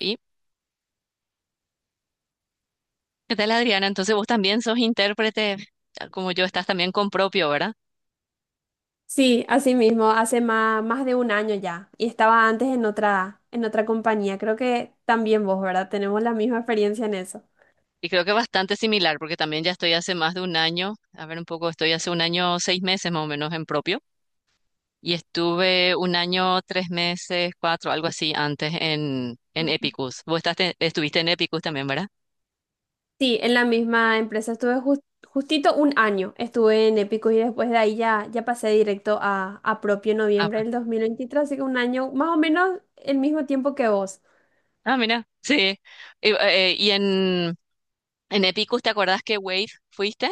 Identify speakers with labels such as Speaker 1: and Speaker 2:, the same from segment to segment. Speaker 1: ¿Y qué tal, Adriana? Entonces vos también sos intérprete, como yo, estás también con propio, ¿verdad?
Speaker 2: Sí, así mismo, hace más de un año ya. Y estaba antes en otra compañía. Creo que también vos, ¿verdad? Tenemos la misma experiencia en eso.
Speaker 1: Y creo que bastante similar, porque también ya estoy hace más de un año, a ver un poco, estoy hace un año, 6 meses más o menos en propio, y estuve un año, 3 meses, cuatro, algo así antes en Epicus. Vos estuviste en Epicus también, ¿verdad?
Speaker 2: Sí, en la misma empresa estuve justito un año. Estuve en Épico y después de ahí ya pasé directo a propio en
Speaker 1: Ah,
Speaker 2: noviembre
Speaker 1: pues.
Speaker 2: del 2023, así que un año más o menos el mismo tiempo que vos.
Speaker 1: Ah, mira, sí. Y en Epicus, ¿te acordás que Wave fuiste?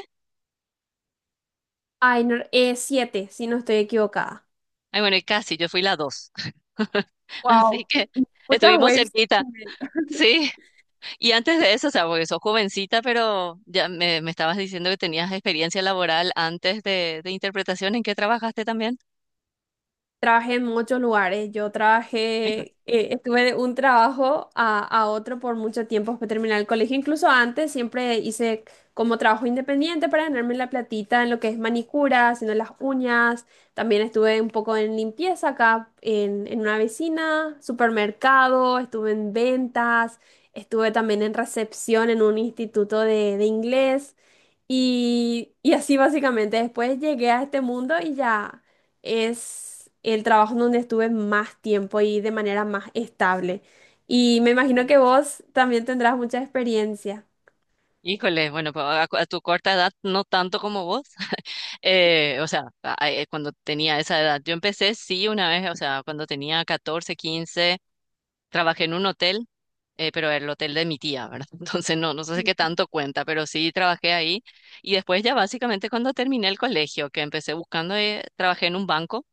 Speaker 2: Ay, no, siete, si no estoy equivocada.
Speaker 1: Ay, bueno, y casi, yo fui la dos. Así
Speaker 2: Wow,
Speaker 1: que
Speaker 2: muchas
Speaker 1: estuvimos
Speaker 2: waves.
Speaker 1: cerquita, sí. Y antes de eso, o sea, porque sos jovencita, pero ya me estabas diciendo que tenías experiencia laboral antes de interpretación, ¿en qué trabajaste también?
Speaker 2: Trabajé en muchos lugares. Yo
Speaker 1: Hijo-
Speaker 2: trabajé, estuve de un trabajo a otro por mucho tiempo después de terminar el colegio. Incluso antes siempre hice como trabajo independiente para ganarme la platita en lo que es manicura, haciendo las uñas. También estuve un poco en limpieza acá en una vecina, supermercado, estuve en ventas, estuve también en recepción en un instituto de inglés. Y así básicamente, después llegué a este mundo y ya es el trabajo en donde estuve más tiempo y de manera más estable. Y me imagino que vos también tendrás mucha experiencia.
Speaker 1: Híjole, bueno, pues a tu corta edad no tanto como vos. O sea, cuando tenía esa edad, yo empecé sí una vez, o sea, cuando tenía 14, 15. Trabajé en un hotel, pero el hotel de mi tía, ¿verdad? Entonces no, no sé si qué tanto cuenta, pero sí trabajé ahí. Y después ya básicamente cuando terminé el colegio, que empecé buscando, trabajé en un banco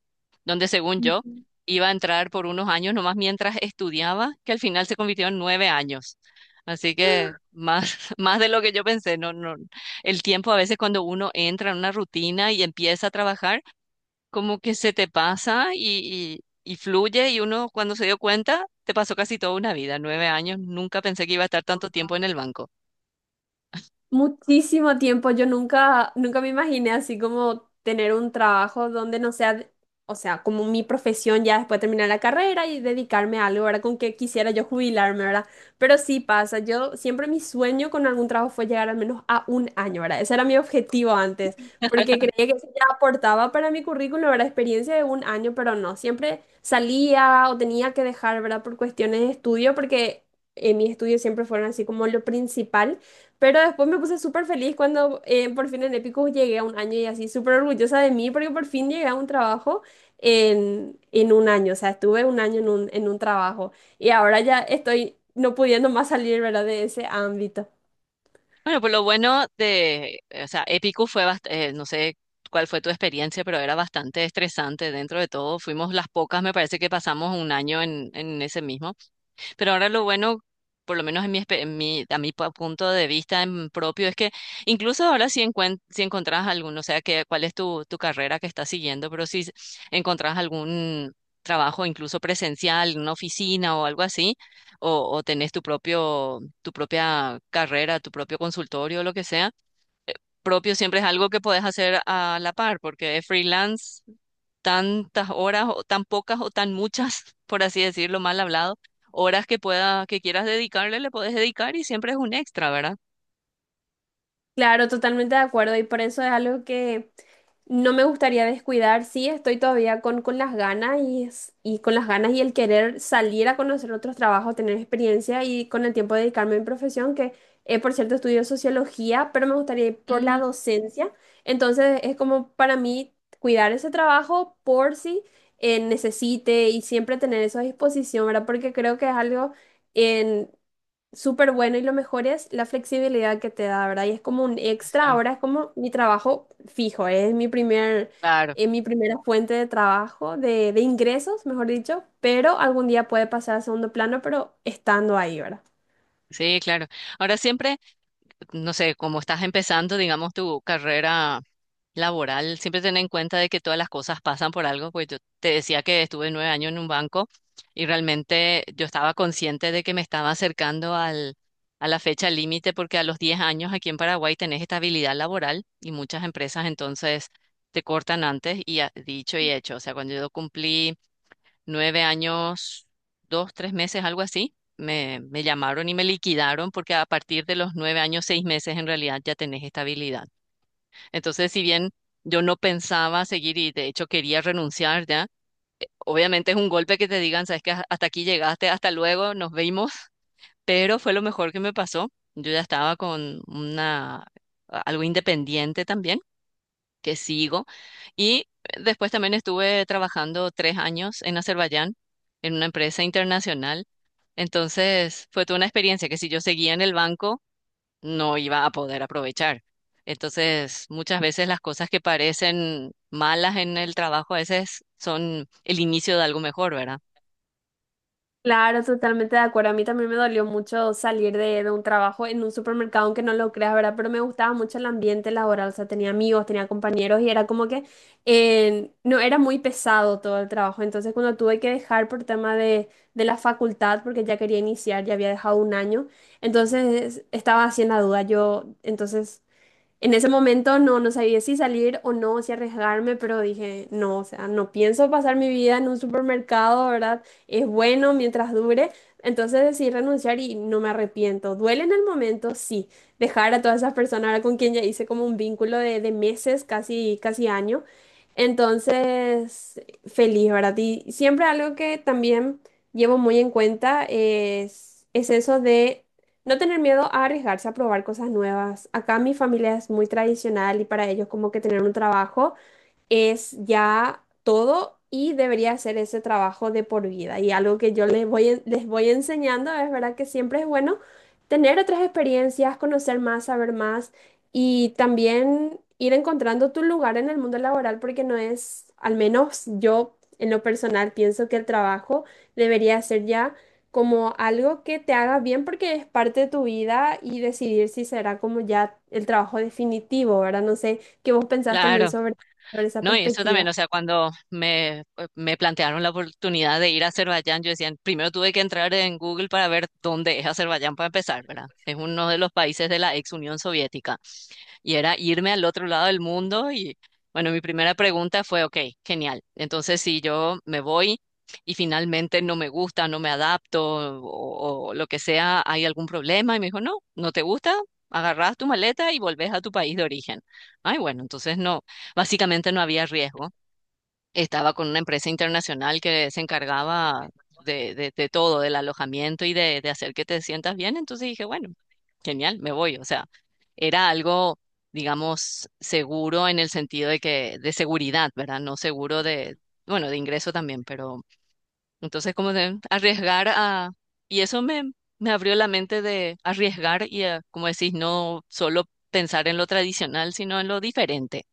Speaker 1: donde según yo iba a entrar por unos años nomás mientras estudiaba, que al final se convirtió en 9 años. Así que más, más de lo que yo pensé, no, no. El tiempo a veces cuando uno entra en una rutina y empieza a trabajar, como que se te pasa y fluye, y uno cuando se dio cuenta, te pasó casi toda una vida, 9 años. Nunca pensé que iba a estar tanto tiempo en el banco.
Speaker 2: Muchísimo tiempo, yo nunca me imaginé así como tener un trabajo donde no sea, o sea, como mi profesión ya después de terminar la carrera y dedicarme a algo, ¿verdad? Con que quisiera yo jubilarme, ¿verdad? Pero sí pasa, yo siempre mi sueño con algún trabajo fue llegar al menos a un año, ¿verdad? Ese era mi objetivo antes, porque creía que eso ya aportaba para mi currículum, ¿verdad? Experiencia de un año, pero no, siempre salía o tenía que dejar, ¿verdad? Por cuestiones de estudio, porque mis estudios siempre fueron así como lo principal. Pero después me puse súper feliz cuando por fin en Epicus llegué a un año y así, súper orgullosa de mí porque por fin llegué a un trabajo en un año, o sea, estuve un año en un trabajo y ahora ya estoy no pudiendo más salir, ¿verdad? De ese ámbito.
Speaker 1: Bueno, pues lo bueno de, o sea, Épico fue bastante, no sé cuál fue tu experiencia, pero era bastante estresante dentro de todo. Fuimos las pocas, me parece que pasamos un año en ese mismo. Pero ahora lo bueno, por lo menos en mi, espe- en mi- a mi pa- punto de vista en propio, es que incluso ahora si encontrás alguno, o sea, cuál es tu carrera que estás siguiendo. Pero si encontrás algún trabajo, incluso presencial, en una oficina o algo así, o tenés tu propia carrera, tu propio consultorio o lo que sea, propio siempre es algo que puedes hacer a la par, porque es freelance, tantas horas o tan pocas o tan muchas, por así decirlo, mal hablado, horas que quieras dedicarle le puedes dedicar, y siempre es un extra, ¿verdad?
Speaker 2: Claro, totalmente de acuerdo y por eso es algo que no me gustaría descuidar, sí, estoy todavía con las ganas y, y con las ganas y el querer salir a conocer otros trabajos, tener experiencia y con el tiempo dedicarme a mi profesión, que por cierto estudio sociología, pero me gustaría ir por la
Speaker 1: Mm,
Speaker 2: docencia. Entonces es como para mí cuidar ese trabajo por si necesite y siempre tener eso a disposición, ¿verdad? Porque creo que es algo súper bueno y lo mejor es la flexibilidad que te da, ¿verdad? Y es como un extra, ahora
Speaker 1: exacto.
Speaker 2: es como mi trabajo fijo, es mi primer,
Speaker 1: Claro,
Speaker 2: mi primera fuente de trabajo, de ingresos, mejor dicho, pero algún día puede pasar a segundo plano, pero estando ahí, ¿verdad?
Speaker 1: sí, claro. Ahora siempre, no sé, como estás empezando, digamos, tu carrera laboral, siempre tener en cuenta de que todas las cosas pasan por algo. Pues yo te decía que estuve nueve años en un banco, y realmente yo estaba consciente de que me estaba acercando a la fecha límite, porque a los 10 años aquí en Paraguay tenés estabilidad laboral, y muchas empresas entonces te cortan antes. Y dicho y hecho, o sea, cuando yo cumplí 9 años, 2, 3 meses, algo así, me llamaron y me liquidaron, porque a partir de los 9 años, 6 meses en realidad ya tenés estabilidad. Entonces, si bien yo no pensaba seguir, y de hecho quería renunciar ya, obviamente es un golpe que te digan: sabes que hasta aquí llegaste, hasta luego, nos vimos. Pero fue lo mejor que me pasó. Yo ya estaba con una algo independiente también, que sigo. Y después también estuve trabajando 3 años en Azerbaiyán, en una empresa internacional. Entonces, fue toda una experiencia que si yo seguía en el banco, no iba a poder aprovechar. Entonces, muchas veces las cosas que parecen malas en el trabajo a veces son el inicio de algo mejor, ¿verdad?
Speaker 2: Claro, totalmente de acuerdo. A mí también me dolió mucho salir de un trabajo en un supermercado, aunque no lo creas, ¿verdad? Pero me gustaba mucho el ambiente laboral, o sea, tenía amigos, tenía compañeros y era como que no era muy pesado todo el trabajo. Entonces, cuando tuve que dejar por tema de la facultad, porque ya quería iniciar, ya había dejado un año, entonces estaba haciendo duda. Yo, entonces, en ese momento no, no sabía si salir o no, si arriesgarme, pero dije, no, o sea, no pienso pasar mi vida en un supermercado, ¿verdad? Es bueno mientras dure. Entonces decidí renunciar y no me arrepiento. Duele en el momento, sí. Dejar a todas esas personas ahora con quien ya hice como un vínculo de meses, casi, casi año. Entonces, feliz, ¿verdad? Y siempre algo que también llevo muy en cuenta es eso de no tener miedo a arriesgarse a probar cosas nuevas. Acá mi familia es muy tradicional y para ellos como que tener un trabajo es ya todo y debería hacer ese trabajo de por vida. Y algo que yo les voy, les voy enseñando es verdad que siempre es bueno tener otras experiencias, conocer más, saber más y también ir encontrando tu lugar en el mundo laboral porque no es, al menos yo en lo personal pienso que el trabajo debería ser ya como algo que te haga bien porque es parte de tu vida y decidir si será como ya el trabajo definitivo, ¿verdad? No sé qué vos pensás también
Speaker 1: Claro.
Speaker 2: sobre por esa
Speaker 1: No, y eso también,
Speaker 2: perspectiva.
Speaker 1: o sea, cuando me plantearon la oportunidad de ir a Azerbaiyán, yo decía, primero tuve que entrar en Google para ver dónde es Azerbaiyán, para empezar, ¿verdad? Es uno de los países de la ex Unión Soviética. Y era irme al otro lado del mundo. Y bueno, mi primera pregunta fue: ok, genial. Entonces, si yo me voy y finalmente no me gusta, no me adapto, o lo que sea, ¿hay algún problema? Y me dijo: no, no te gusta, agarrás tu maleta y volvés a tu país de origen. Ay, bueno, entonces no, básicamente no había riesgo. Estaba con una empresa internacional que se encargaba de todo, del alojamiento y de hacer que te sientas bien. Entonces dije: bueno, genial, me voy. O sea, era algo, digamos, seguro en el sentido de seguridad, ¿verdad? No seguro de, bueno, de ingreso también, pero entonces como de arriesgar, y eso me abrió la mente de arriesgar y, como decís, no solo pensar en lo tradicional, sino en lo diferente.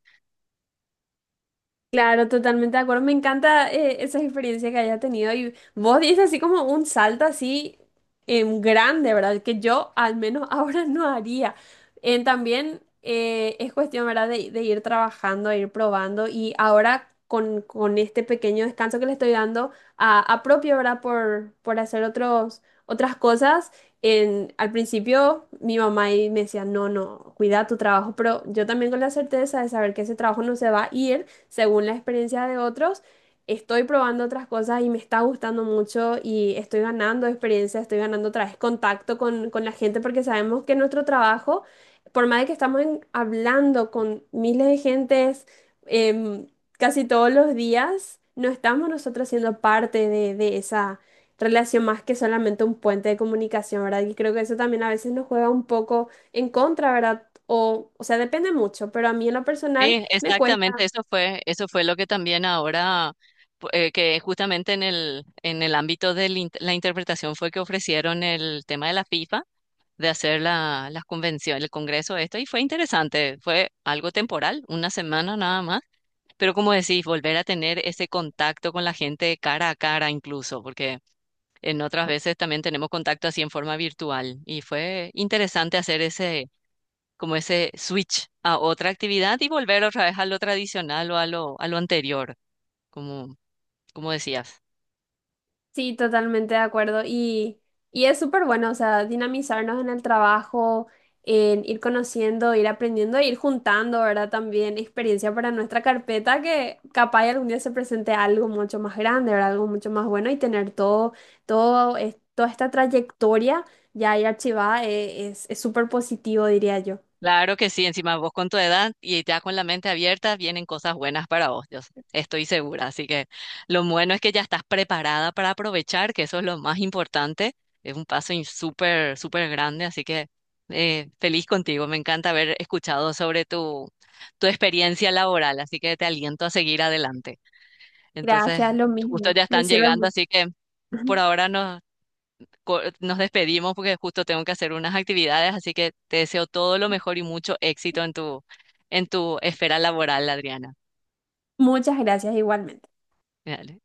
Speaker 2: Claro, totalmente de acuerdo. Me encanta esa experiencia que haya tenido. Y vos dices así como un salto así grande, ¿verdad? Que yo al menos ahora no haría. En también es cuestión, ¿verdad? De ir trabajando, ir probando. Y ahora con este pequeño descanso que le estoy dando a propio, ¿verdad? Por hacer otros, otras cosas. En, al principio mi mamá ahí me decía, no, cuida tu trabajo, pero yo también con la certeza de saber que ese trabajo no se va a ir según la experiencia de otros, estoy probando otras cosas y me está gustando mucho y estoy ganando experiencia, estoy ganando otra vez contacto con la gente porque sabemos que nuestro trabajo, por más de que estamos hablando con miles de gentes em, casi todos los días, no estamos nosotros siendo parte de esa relación más que solamente un puente de comunicación, ¿verdad? Y creo que eso también a veces nos juega un poco en contra, ¿verdad? O sea, depende mucho, pero a mí en lo personal
Speaker 1: Sí,
Speaker 2: me cuesta.
Speaker 1: exactamente, eso fue lo que también ahora, que justamente en el ámbito de la interpretación fue que ofrecieron el tema de la FIFA, de hacer las convenciones, el congreso, esto. Y fue interesante, fue algo temporal, una semana nada más, pero como decís, volver a tener ese contacto con la gente cara a cara incluso, porque en otras veces también tenemos contacto así en forma virtual. Y fue interesante hacer ese, como ese switch a otra actividad, y volver otra vez a lo tradicional, o a lo anterior, como, como decías.
Speaker 2: Sí, totalmente de acuerdo. Y es súper bueno, o sea, dinamizarnos en el trabajo, en ir conociendo, ir aprendiendo, e ir juntando, ¿verdad? También experiencia para nuestra carpeta, que capaz y algún día se presente algo mucho más grande, ¿verdad? Algo mucho más bueno y tener todo, todo, toda esta trayectoria ya ahí archivada es súper positivo, diría yo.
Speaker 1: Claro que sí, encima vos con tu edad y ya con la mente abierta vienen cosas buenas para vos, yo estoy segura. Así que lo bueno es que ya estás preparada para aprovechar, que eso es lo más importante. Es un paso súper, súper grande, así que feliz contigo. Me encanta haber escuchado sobre tu experiencia laboral, así que te aliento a seguir adelante. Entonces,
Speaker 2: Gracias, lo
Speaker 1: justo
Speaker 2: mismo.
Speaker 1: ya
Speaker 2: Me
Speaker 1: están
Speaker 2: sirve
Speaker 1: llegando,
Speaker 2: mucho.
Speaker 1: así que por ahora nos despedimos, porque justo tengo que hacer unas actividades, así que te deseo todo lo mejor y mucho éxito en en tu esfera laboral, Adriana.
Speaker 2: Muchas gracias igualmente.
Speaker 1: Dale.